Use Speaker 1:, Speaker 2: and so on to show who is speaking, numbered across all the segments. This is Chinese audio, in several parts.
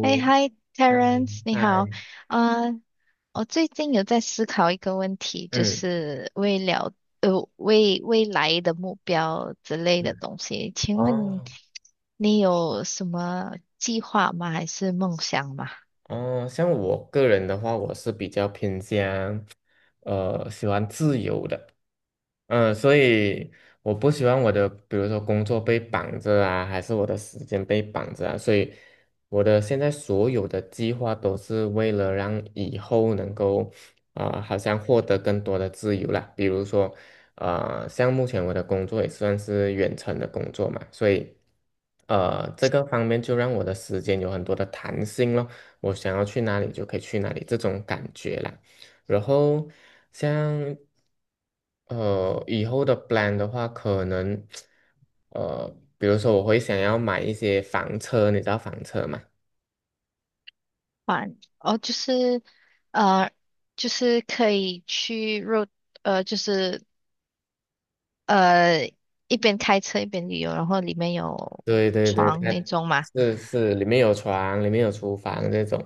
Speaker 1: 哎 i t e
Speaker 2: 嗨，
Speaker 1: r e n c e 你好。
Speaker 2: 嗨，
Speaker 1: 啊，我最近有在思考一个问题，就
Speaker 2: 嗯
Speaker 1: 是未了呃未未来的目标之类的
Speaker 2: 嗯，
Speaker 1: 东西。请问
Speaker 2: 哦，
Speaker 1: 你有什么计划吗？还是梦想吗？
Speaker 2: 哦，像我个人的话，我是比较偏向，喜欢自由的。所以我不喜欢我的，比如说工作被绑着啊，还是我的时间被绑着啊，所以我的现在所有的计划都是为了让以后能够，啊、好像获得更多的自由啦。比如说，像目前我的工作也算是远程的工作嘛。所以，这个方面就让我的时间有很多的弹性咯。我想要去哪里就可以去哪里这种感觉啦。然后，像以后的 plan 的话，可能呃比如说我会想要买一些房车，你知道房车吗？
Speaker 1: 啊，哦，就是呃，就是可以去 road 就是呃一边开车一边旅游，然后里面有
Speaker 2: 对对对，
Speaker 1: 床
Speaker 2: 它
Speaker 1: 那种嘛。
Speaker 2: 是里面有床，里面有厨房这种。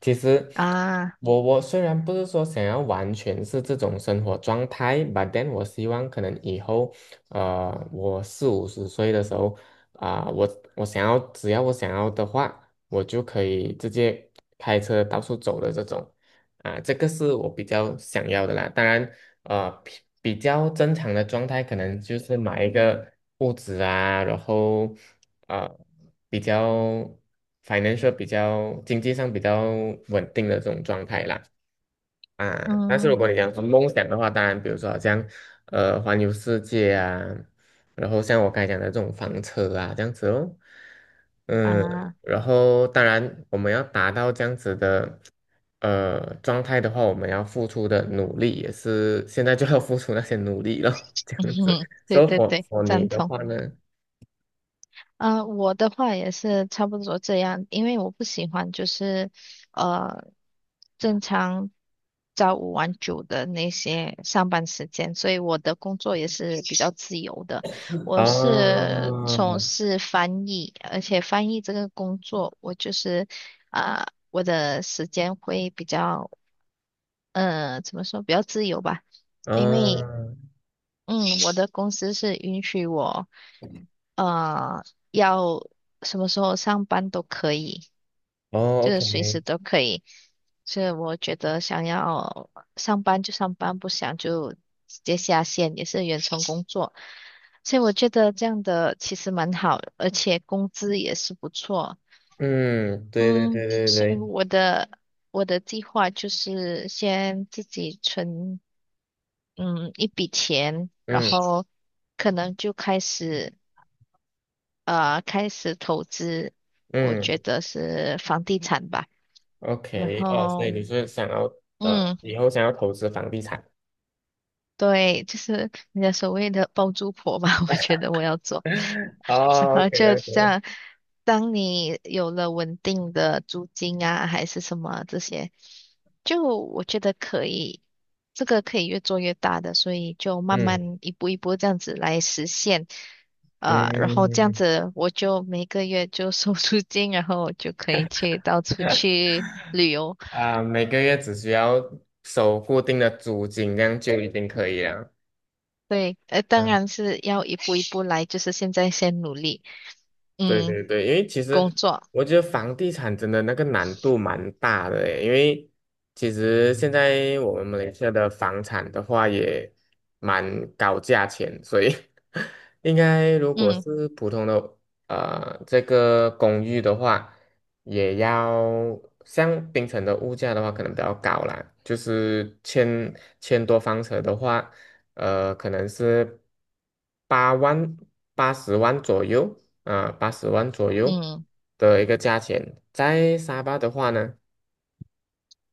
Speaker 2: 其实
Speaker 1: 啊，
Speaker 2: 我虽然不是说想要完全是这种生活状态，but then 我希望可能以后，我四五十岁的时候，啊、我想要，只要我想要的话，我就可以直接开车到处走的这种，啊、这个是我比较想要的啦。当然，呃比比较正常的状态，可能就是买一个物质啊。然后，呃比较反正 n 比较经济上比较稳定的这种状态啦。啊，但是如
Speaker 1: 嗯
Speaker 2: 果你讲说梦想的话，当然，比如说好像环游世界啊，然后像我刚才讲的这种房车啊这样子哦。嗯。
Speaker 1: 啊。
Speaker 2: 然后当然我们要达到这样子的状态的话，我们要付出的努力也是现在就要付出那些努力了，这
Speaker 1: 嗯
Speaker 2: 样子。
Speaker 1: 哼，对
Speaker 2: 所以
Speaker 1: 对
Speaker 2: for
Speaker 1: 对，
Speaker 2: for 你
Speaker 1: 赞
Speaker 2: 的
Speaker 1: 同。
Speaker 2: 话呢？
Speaker 1: 啊、我的话也是差不多这样，因为我不喜欢就是呃正常朝五晚九的那些上班时间，所以我的工作也是比较自由的。我
Speaker 2: 啊，
Speaker 1: 是从事翻译，而且翻译这个工作，我就是啊、我的时间会比较怎么说比较自由吧。因为
Speaker 2: 啊，
Speaker 1: 嗯，我的公司是允许我，呃，要什么时候上班都可以，
Speaker 2: 哦
Speaker 1: 就是
Speaker 2: ，OK，
Speaker 1: 随时都可以。所以我觉得想要上班就上班，不想就直接下线，也是远程工作。所以我觉得这样的其实蛮好，而且工资也是不错。
Speaker 2: 嗯，对对对
Speaker 1: 嗯，
Speaker 2: 对
Speaker 1: 所以
Speaker 2: 对，
Speaker 1: 我的计划就是先自己存，嗯，一笔钱，然
Speaker 2: 嗯
Speaker 1: 后可能就开始投资，我觉
Speaker 2: 嗯。
Speaker 1: 得是房地产吧。然
Speaker 2: OK，哦，所以
Speaker 1: 后
Speaker 2: 你是想要，
Speaker 1: 嗯，
Speaker 2: 以后想要投资房地产？
Speaker 1: 对，就是人家所谓的包租婆吧，我觉得我要做。然
Speaker 2: 哦
Speaker 1: 后就这
Speaker 2: ，OK，OK，
Speaker 1: 样，当你有了稳定的租金啊，还是什么这些，就我觉得可以，这个可以越做越大的，所以就慢
Speaker 2: 嗯
Speaker 1: 慢一步一步这样子来实现，啊、然后这样
Speaker 2: 嗯。
Speaker 1: 子我就每个月就收 租金，然后就可以去到处 去旅游。
Speaker 2: 啊、每个月只需要收固定的租金，这样就已经可以了。
Speaker 1: 对，当
Speaker 2: 嗯。
Speaker 1: 然是要一步一步来，就是现在先努力。
Speaker 2: 对
Speaker 1: 嗯，
Speaker 2: 对对。因为其
Speaker 1: 工
Speaker 2: 实
Speaker 1: 作，
Speaker 2: 我觉得房地产真的那个难度蛮大的诶，因为其实现在我们马来西亚的房产的话也蛮高价钱，所以 应该如果
Speaker 1: 嗯
Speaker 2: 是普通的这个公寓的话，也要像槟城的物价的话可能比较高啦。就是千多方尺的话，可能是八万八十万左右。八十万左右
Speaker 1: 嗯，
Speaker 2: 的一个价钱。在沙巴的话呢，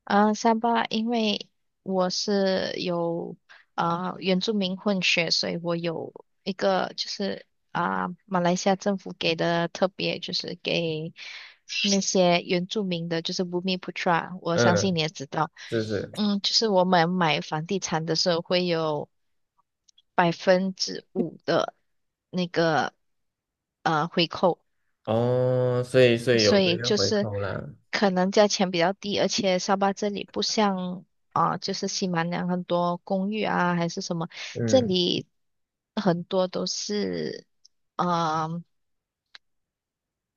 Speaker 1: 三巴，因为我是有啊、原住民混血，所以我有一个就是啊、马来西亚政府给的特别，就是给那些原住民的，就是 Bumi p 我相
Speaker 2: 嗯，
Speaker 1: 信你也知道，
Speaker 2: 是是。
Speaker 1: 嗯，就是我们买房地产的时候会有5%的那个回扣。
Speaker 2: 哦，所以有
Speaker 1: 所
Speaker 2: 这
Speaker 1: 以
Speaker 2: 个
Speaker 1: 就
Speaker 2: 回
Speaker 1: 是
Speaker 2: 扣啦。
Speaker 1: 可能价钱比较低，而且沙巴这里不像啊、就是西马两很多公寓啊还是什么，这
Speaker 2: 嗯，
Speaker 1: 里很多都是嗯、呃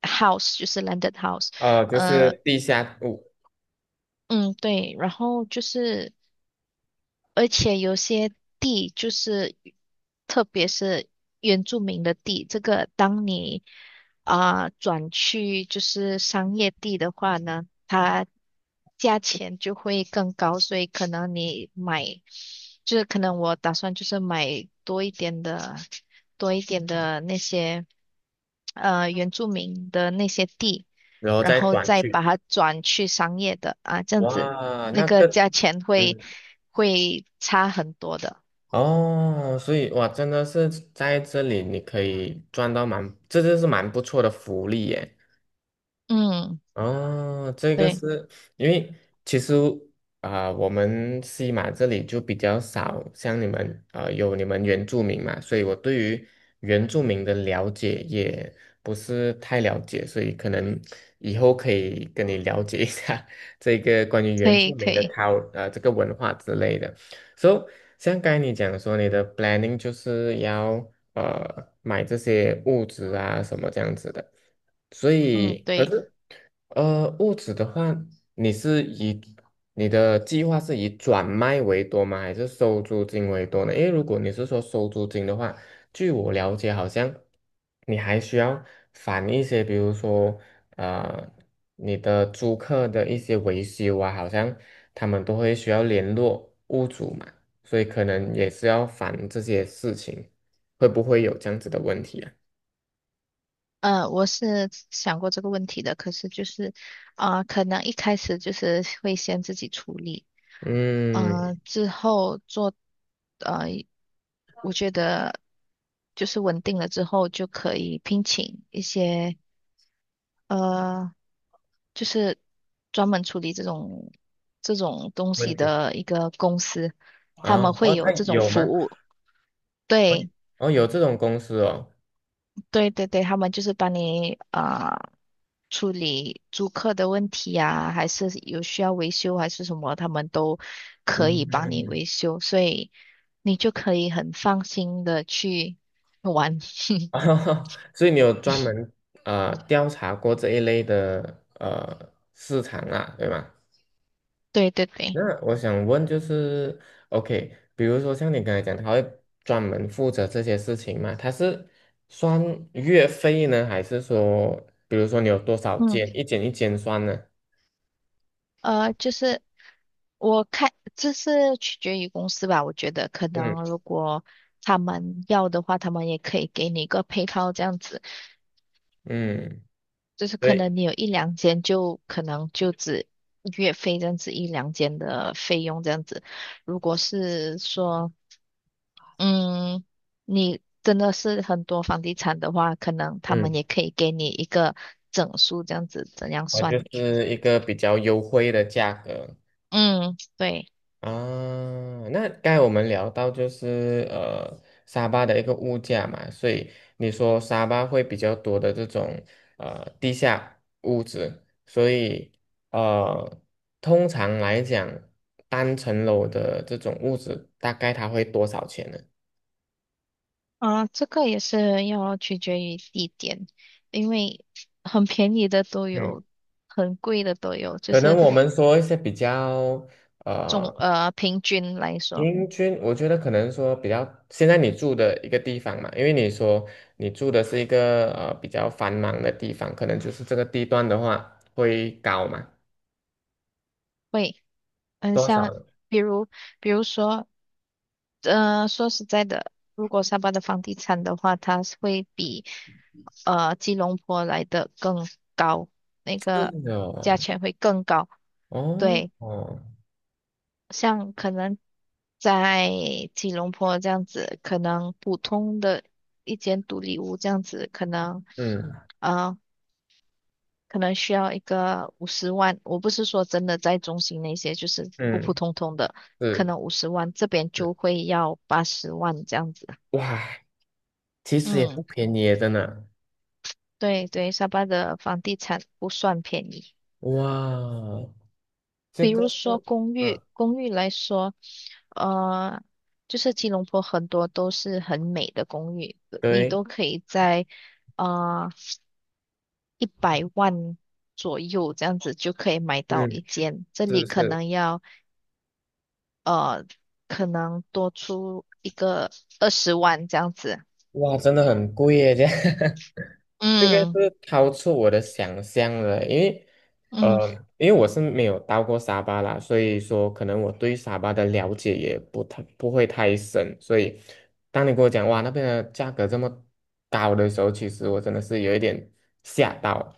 Speaker 1: house，就是 landed house，
Speaker 2: 啊，就
Speaker 1: 呃
Speaker 2: 是地下物。
Speaker 1: 嗯对，然后就是。而且有些地就是，特别是原住民的地，这个当你啊、转去就是商业地的话呢，它价钱就会更高，所以可能你买，就是可能我打算就是买多一点的，多一点的那些原住民的那些地，
Speaker 2: 然后
Speaker 1: 然
Speaker 2: 再
Speaker 1: 后
Speaker 2: 转
Speaker 1: 再
Speaker 2: 去，
Speaker 1: 把它转去商业的啊，这样子
Speaker 2: 哇，
Speaker 1: 那
Speaker 2: 那
Speaker 1: 个
Speaker 2: 个，
Speaker 1: 价钱
Speaker 2: 嗯。
Speaker 1: 会差很多的。
Speaker 2: 哦，所以哇，真的是在这里你可以赚到蛮，这就是蛮不错的福利耶。
Speaker 1: 嗯，
Speaker 2: 哦，这个
Speaker 1: 对，
Speaker 2: 是因为其实啊、我们西马这里就比较少像你们啊、有你们原住民嘛，所以我对于原住民的了解也不是太了解，所以可能以后可以跟你了解一下 这个关于
Speaker 1: 可
Speaker 2: 原
Speaker 1: 以
Speaker 2: 住
Speaker 1: 可
Speaker 2: 民的
Speaker 1: 以，
Speaker 2: c u 呃这个文化之类的。So，像刚才你讲说你的 planning 就是要买这些物质啊什么这样子的。所
Speaker 1: 嗯，
Speaker 2: 以，可
Speaker 1: 对，
Speaker 2: 是，物质的话，你是以你的计划是以转卖为多吗？还是收租金为多呢？因为如果你是说收租金的话，据我了解，好像你还需要返一些，比如说，呃，你的租客的一些维修啊，好像他们都会需要联络屋主嘛，所以可能也是要返这些事情，会不会有这样子的问题啊？
Speaker 1: 嗯，我是想过这个问题的，可是就是，啊、可能一开始就是会先自己处理，
Speaker 2: 嗯，
Speaker 1: 嗯，之后做，呃，我觉得就是稳定了之后就可以聘请一些呃就是专门处理这种东
Speaker 2: 问
Speaker 1: 西
Speaker 2: 题
Speaker 1: 的一个公司，他
Speaker 2: 啊。
Speaker 1: 们会
Speaker 2: 哦，他
Speaker 1: 有这种
Speaker 2: 有
Speaker 1: 服
Speaker 2: 吗？
Speaker 1: 务。对
Speaker 2: 哦，有这种公司哦。
Speaker 1: 对对对，他们就是帮你啊、处理租客的问题呀、还是有需要维修还是什么，他们都可以帮你
Speaker 2: 嗯，
Speaker 1: 维修，所以你就可以很放心的去玩。
Speaker 2: 哦，所以你有专门调查过这一类的市场啊，对吗？
Speaker 1: 对对对，
Speaker 2: 那我想问就是，OK，比如说像你刚才讲，他会专门负责这些事情吗？他是算月费呢？还是说，比如说你有多少
Speaker 1: 嗯，
Speaker 2: 件，一件一件算呢？
Speaker 1: 就是我看这是取决于公司吧，我觉得可
Speaker 2: 嗯
Speaker 1: 能如果他们要的话，他们也可以给你一个配套这样子，
Speaker 2: 嗯，
Speaker 1: 就是可
Speaker 2: 对。
Speaker 1: 能你有一两间就可能就只月费这样子一两间的费用这样子。如果是说，嗯，你真的是很多房地产的话，可能他们
Speaker 2: 嗯，
Speaker 1: 也可以给你一个整数这样子，怎样
Speaker 2: 我就
Speaker 1: 算你？
Speaker 2: 是一个比较优惠的价格。
Speaker 1: 嗯，对。
Speaker 2: 啊，那刚才我们聊到就是沙巴的一个物价嘛，所以你说沙巴会比较多的这种地下物子，所以呃通常来讲，单层楼的这种物子大概它会多少钱呢？
Speaker 1: 啊，这个也是要取决于地点，因为很便宜的都
Speaker 2: 嗯，
Speaker 1: 有，很贵的都有，就
Speaker 2: 可能
Speaker 1: 是
Speaker 2: 我们说一些比较，呃
Speaker 1: 平均来说
Speaker 2: 平均，我觉得可能说比较，现在你住的一个地方嘛，因为你说你住的是一个比较繁忙的地方，可能就是这个地段的话会高嘛，
Speaker 1: 会嗯，
Speaker 2: 多少
Speaker 1: 像，
Speaker 2: 呢？
Speaker 1: 比如比如说说实在的，如果沙巴的房地产的话，它是会比吉隆坡来的更高，那
Speaker 2: 是
Speaker 1: 个
Speaker 2: 的
Speaker 1: 价
Speaker 2: 哦。
Speaker 1: 钱会更高，
Speaker 2: 哦
Speaker 1: 对。
Speaker 2: 哦，
Speaker 1: 像可能在吉隆坡这样子，可能普通的一间独立屋这样子，
Speaker 2: 嗯
Speaker 1: 呃，可能需要一个五十万。我不是说真的在中心那些，就是普普
Speaker 2: 嗯，
Speaker 1: 通通的，可
Speaker 2: 是，
Speaker 1: 能五十万，这边
Speaker 2: 是
Speaker 1: 就会要800,000这样子。
Speaker 2: 哇，其实也不
Speaker 1: 嗯，
Speaker 2: 便宜耶，真的。
Speaker 1: 对对，沙巴的房地产不算便宜。
Speaker 2: 哇，这
Speaker 1: 比如
Speaker 2: 个是，
Speaker 1: 说公
Speaker 2: 嗯，
Speaker 1: 寓，公寓来说，呃，就是吉隆坡很多都是很美的公寓，你
Speaker 2: 对，
Speaker 1: 都可以在呃1,000,000左右这样子就可以买到
Speaker 2: 嗯，
Speaker 1: 一间，这里
Speaker 2: 是
Speaker 1: 可
Speaker 2: 是，
Speaker 1: 能要呃可能多出一个200,000这样子。
Speaker 2: 哇，真的很贵耶，这样。这个
Speaker 1: 嗯
Speaker 2: 是超出我的想象了。因为，
Speaker 1: 嗯，
Speaker 2: 呃，因为我是没有到过沙巴啦，所以说可能我对沙巴的了解也不会太深，所以当你跟我讲哇那边的价格这么高的时候，其实我真的是有一点吓到。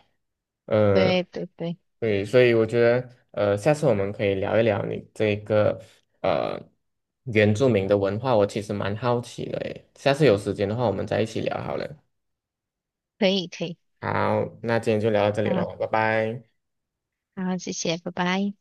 Speaker 2: 呃，
Speaker 1: 对对对，
Speaker 2: 对，所以我觉得，下次我们可以聊一聊你这个呃原住民的文化，我其实蛮好奇的诶。下次有时间的话，我们再一起聊好了。
Speaker 1: 可以可以，
Speaker 2: 好，那今天就聊到这里
Speaker 1: 啊
Speaker 2: 喽，拜拜。
Speaker 1: 好，谢谢，拜拜。